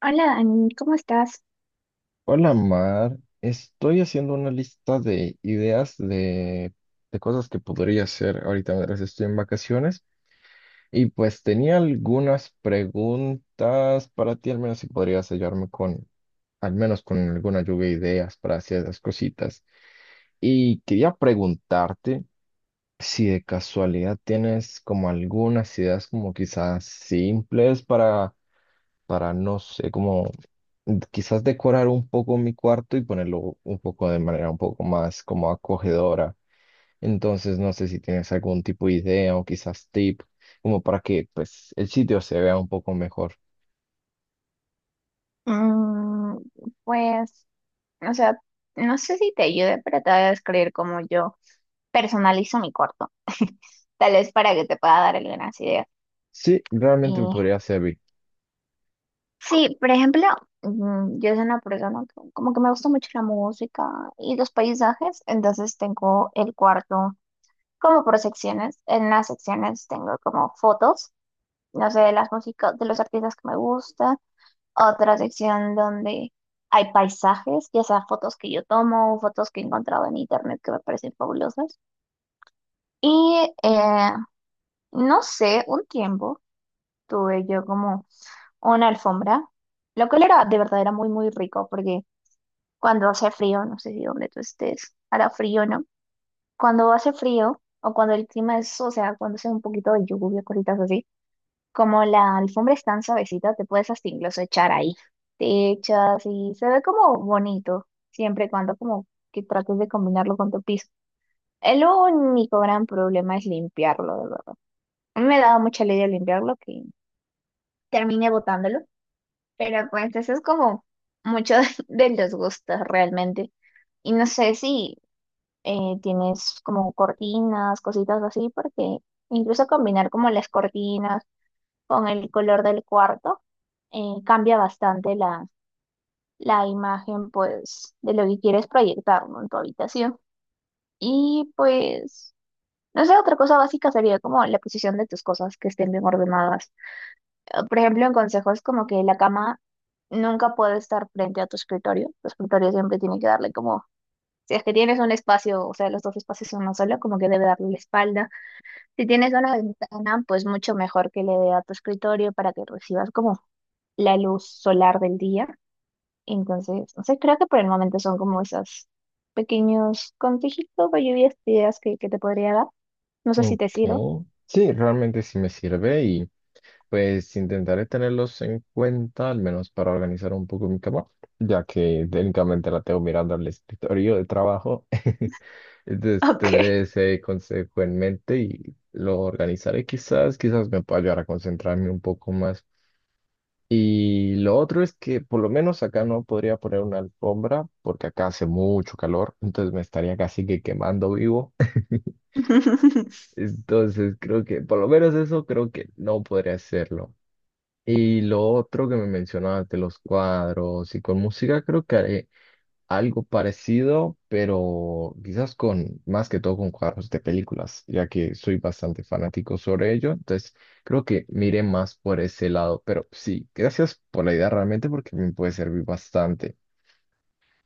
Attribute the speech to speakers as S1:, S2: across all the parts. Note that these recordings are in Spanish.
S1: Hola Dani, ¿cómo estás?
S2: Hola Mar, estoy haciendo una lista de ideas de cosas que podría hacer ahorita mientras estoy en vacaciones y pues tenía algunas preguntas para ti, al menos si podrías al menos con alguna lluvia de ideas para hacer esas cositas. Y quería preguntarte si de casualidad tienes como algunas ideas como quizás simples para, no sé, como quizás decorar un poco mi cuarto y ponerlo un poco de manera un poco más como acogedora. Entonces, no sé si tienes algún tipo de idea o quizás tip, como para que pues el sitio se vea un poco mejor.
S1: Mm, pues, o sea, no sé si te ayude, pero te voy a describir cómo yo personalizo mi corto, tal vez para que te pueda dar algunas ideas.
S2: Sí,
S1: Y
S2: realmente me podría servir.
S1: sí, por ejemplo, yo soy una persona que como que me gusta mucho la música y los paisajes, entonces tengo el cuarto como por secciones. En las secciones tengo como fotos, no sé, de las músicas, de los artistas que me gustan. Otra sección donde hay paisajes, ya sea fotos que yo tomo o fotos que he encontrado en internet que me parecen fabulosas. Y eh, no sé, un tiempo tuve yo como una alfombra, lo cual era de verdad era muy, muy rico porque cuando hace frío, no sé si donde tú estés, hará frío, ¿no? Cuando hace frío o cuando el clima es, o sea, cuando hace un poquito de lluvia, cositas así. Como la alfombra es tan suavecita, te puedes hasta incluso echar ahí. Te echas y se ve como bonito, siempre y cuando como que trates de combinarlo con tu piso. El único gran problema es limpiarlo, de verdad. A mí me daba mucha lidia limpiarlo que terminé botándolo, pero pues eso es como mucho de los gustos realmente. Y no sé si tienes como cortinas, cositas así, porque incluso combinar como las cortinas con el color del cuarto, cambia bastante la imagen, pues, de lo que quieres proyectar, ¿no?, en tu habitación. Y pues, no sé, otra cosa básica sería como la posición de tus cosas que estén bien ordenadas. Por ejemplo, en consejos como que la cama nunca puede estar frente a tu escritorio. Tu escritorio siempre tiene que darle como, si es que tienes un espacio, o sea, los dos espacios son uno solo, como que debe darle la espalda. Si tienes una ventana, pues mucho mejor que le dé a tu escritorio para que recibas como la luz solar del día. Entonces, no sé, creo que por el momento son como esos pequeños consejitos o lluvias de ideas que te podría dar. No sé si te sirvo.
S2: Ok. Sí, realmente sí me sirve y pues intentaré tenerlos en cuenta, al menos para organizar un poco mi cama, ya que técnicamente la tengo mirando al escritorio de trabajo. Entonces
S1: Ok.
S2: tendré ese consejo en mente y lo organizaré quizás, quizás me pueda ayudar a concentrarme un poco más. Y lo otro es que por lo menos acá no podría poner una alfombra porque acá hace mucho calor, entonces me estaría casi que quemando vivo. Entonces creo que por lo menos eso creo que no podría hacerlo. Y lo otro que me mencionaste los cuadros y con música, creo que haré algo parecido, pero quizás con más que todo con cuadros de películas, ya que soy bastante fanático sobre ello. Entonces, creo que miré más por ese lado. Pero sí, gracias por la idea realmente porque me puede servir bastante.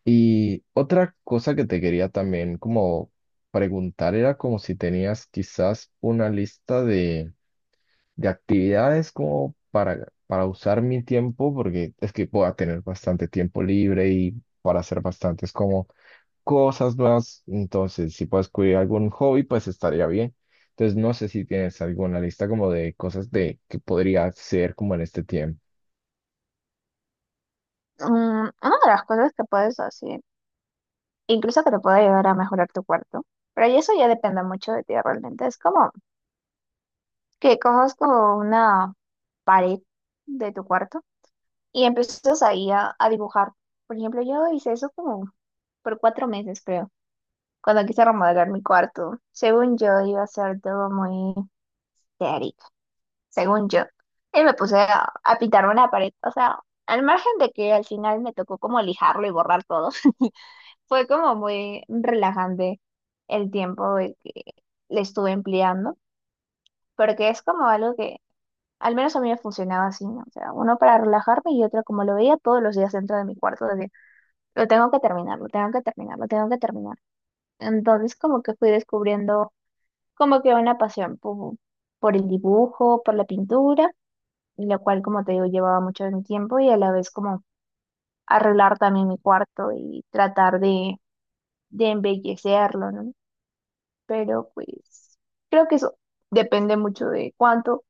S2: Y otra cosa que te quería también como preguntar era como si tenías quizás una lista de actividades como para usar mi tiempo, porque es que voy a tener bastante tiempo libre y para hacer bastantes como cosas nuevas. Entonces, si puedes cubrir algún hobby, pues estaría bien. Entonces, no sé si tienes alguna lista como de cosas de que podría hacer como en este tiempo.
S1: Mm, una de las cosas que puedes hacer, incluso que te puede ayudar a mejorar tu cuarto, pero y eso ya depende mucho de ti realmente, es como que cojas como una pared de tu cuarto y empiezas ahí a dibujar. Por ejemplo, yo hice eso como por 4 meses, creo. Cuando quise remodelar mi cuarto, según yo iba a ser todo muy teórico, según yo. Y me puse a pintar una pared, o sea, al margen de que al final me tocó como lijarlo y borrar todo, fue como muy relajante el tiempo de que le estuve empleando, porque es como algo que al menos a mí me funcionaba así, ¿no? O sea, uno para relajarme y otro como lo veía todos los días dentro de mi cuarto, decía, lo tengo que terminar, lo tengo que terminar, lo tengo que terminar. Entonces como que fui descubriendo como que una pasión por el dibujo, por la pintura, y la cual, como te digo, llevaba mucho de mi tiempo y a la vez como arreglar también mi cuarto y tratar de embellecerlo, ¿no? Pero pues creo que eso depende mucho de cuánto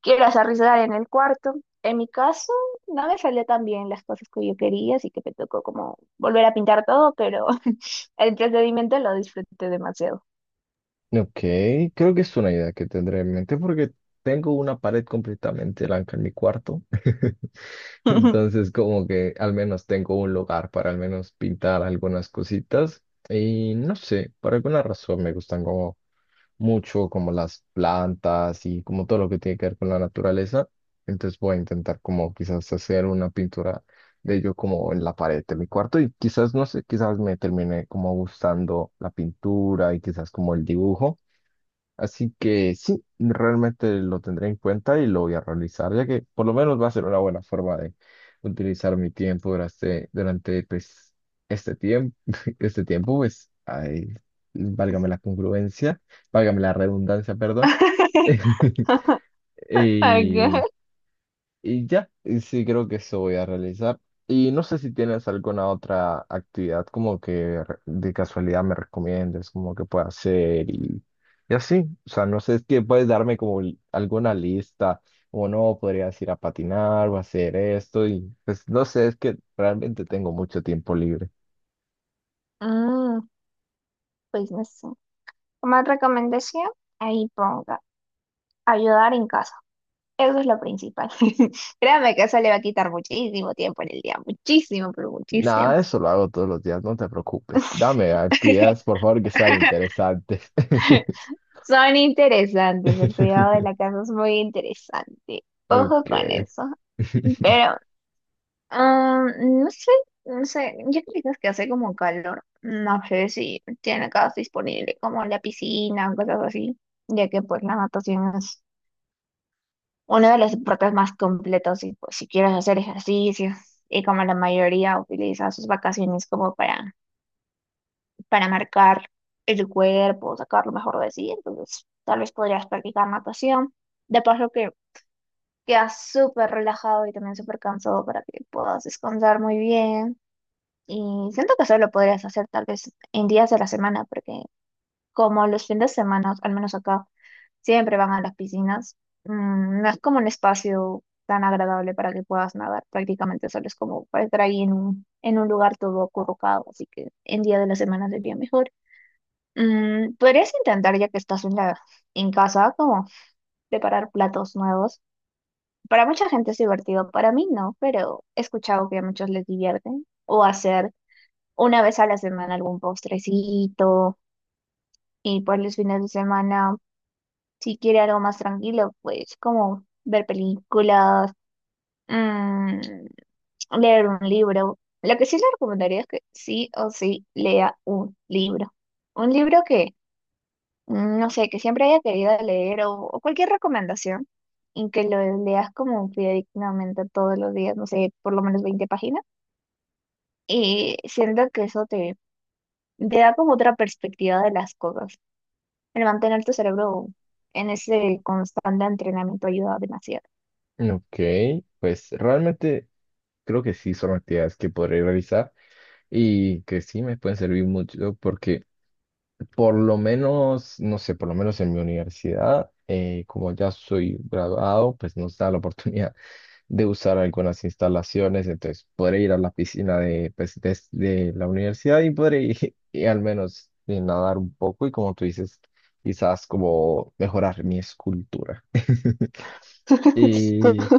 S1: quieras arriesgar en el cuarto. En mi caso, no me salió tan bien las cosas que yo quería, así que me tocó como volver a pintar todo, pero el procedimiento lo disfruté demasiado.
S2: Ok, creo que es una idea que tendré en mente porque tengo una pared completamente blanca en mi cuarto. Entonces, como que al menos tengo un lugar para al menos pintar algunas cositas. Y no sé, por alguna razón me gustan como mucho como las plantas y como todo lo que tiene que ver con la naturaleza. Entonces voy a intentar como quizás hacer una pintura de ello como en la pared de mi cuarto y quizás, no sé, quizás me termine como gustando la pintura y quizás como el dibujo. Así que sí, realmente lo tendré en cuenta y lo voy a realizar, ya que por lo menos va a ser una buena forma de utilizar mi tiempo durante pues, este tiempo, este tiempo, pues, ay, válgame la congruencia, válgame la redundancia, perdón.
S1: Ok.
S2: Y, y ya, y sí, creo que eso voy a realizar. Y no sé si tienes alguna otra actividad como que de casualidad me recomiendes, como que pueda hacer y así. O sea, no sé, es que puedes darme como alguna lista, o no, podrías ir a patinar o hacer esto, y pues no sé, es que realmente tengo mucho tiempo libre.
S1: Mm, pues no sé. Como recomendación, ahí ponga ayudar en casa. Eso es lo principal. Créame que eso le va a quitar muchísimo tiempo en el día, muchísimo, pero muchísimo.
S2: Nada, eso lo hago todos los días, no te preocupes. Dame actividades, por favor, que sean interesantes.
S1: Son interesantes, el cuidado de la casa es muy interesante. Ojo
S2: Ok.
S1: con eso. Pero, no sé, no sé, yo creo que hace como calor. No sé si tiene casa disponible como la piscina o cosas así, ya que pues la natación uno de los deportes más completos si pues si quieres hacer ejercicio y como la mayoría utiliza sus vacaciones como para marcar el cuerpo, sacar lo mejor de sí, entonces tal vez podrías practicar natación. De paso que quedas súper relajado y también súper cansado para que puedas descansar muy bien. Y siento que solo podrías hacer tal vez en días de la semana, porque como los fines de semana, al menos acá, siempre van a las piscinas. No es como un espacio tan agradable para que puedas nadar, prácticamente solo es como para estar ahí en un lugar todo acurrucado, así que en día de la semana sería mejor. Podrías intentar, ya que estás en en casa, como preparar platos nuevos. Para mucha gente es divertido, para mí no, pero he escuchado que a muchos les divierten. O hacer una vez a la semana algún postrecito y pues los fines de semana, si quiere algo más tranquilo, pues como ver películas, mm, leer un libro. Lo que sí le recomendaría es que sí o sí lea un libro. Un libro que no sé, que siempre haya querido leer o cualquier recomendación y que lo leas como fidedignamente todos los días, no sé, por lo menos 20 páginas. Y siento que eso te da como otra perspectiva de las cosas. El mantener tu cerebro en ese constante entrenamiento ayuda demasiado.
S2: Ok, pues realmente creo que sí son actividades que podré realizar y que sí me pueden servir mucho porque por lo menos, no sé, por lo menos en mi universidad, como ya soy graduado, pues nos da la oportunidad de usar algunas instalaciones, entonces podré ir a la piscina pues, de la universidad y podré ir y al menos nadar un poco y como tú dices, quizás como mejorar mi escultura. Y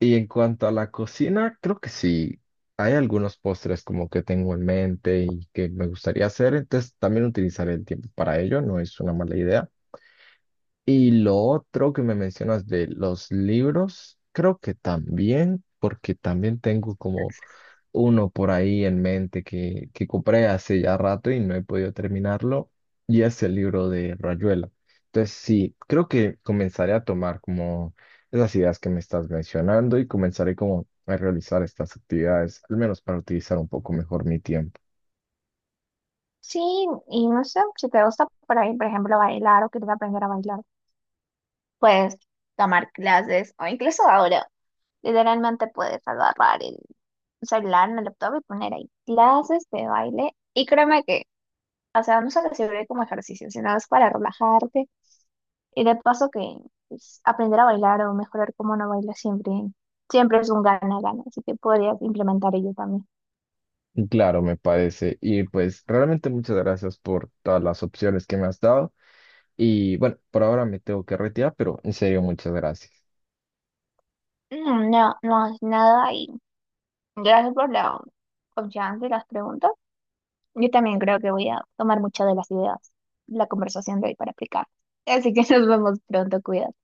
S2: y en cuanto a la cocina, creo que sí. Hay algunos postres como que tengo en mente y que me gustaría hacer, entonces también utilizaré el tiempo para ello, no es una mala idea. Y lo otro que me mencionas de los libros, creo que también, porque también tengo como uno por ahí en mente que compré hace ya rato y no he podido terminarlo, y es el libro de Rayuela. Entonces, sí, creo que comenzaré a tomar como esas ideas que me estás mencionando y comenzaré como a realizar estas actividades, al menos para utilizar un poco mejor mi tiempo.
S1: Sí, y no sé, si te gusta por ahí, por ejemplo, bailar o quieres aprender a bailar, puedes tomar clases o incluso ahora, literalmente puedes agarrar el celular en el laptop y poner ahí clases de baile. Y créeme que, o sea, no solo sirve como ejercicio, sino es para relajarte y de paso que pues, aprender a bailar o mejorar cómo uno baila siempre, siempre es un gana-gana, así que podrías implementar ello también.
S2: Y claro, me parece. Y pues realmente muchas gracias por todas las opciones que me has dado. Y bueno, por ahora me tengo que retirar, pero en serio, muchas gracias.
S1: No, no es nada y gracias por la confianza y las preguntas. Yo también creo que voy a tomar muchas de las ideas, la conversación de hoy para aplicar. Así que nos vemos pronto, cuidado.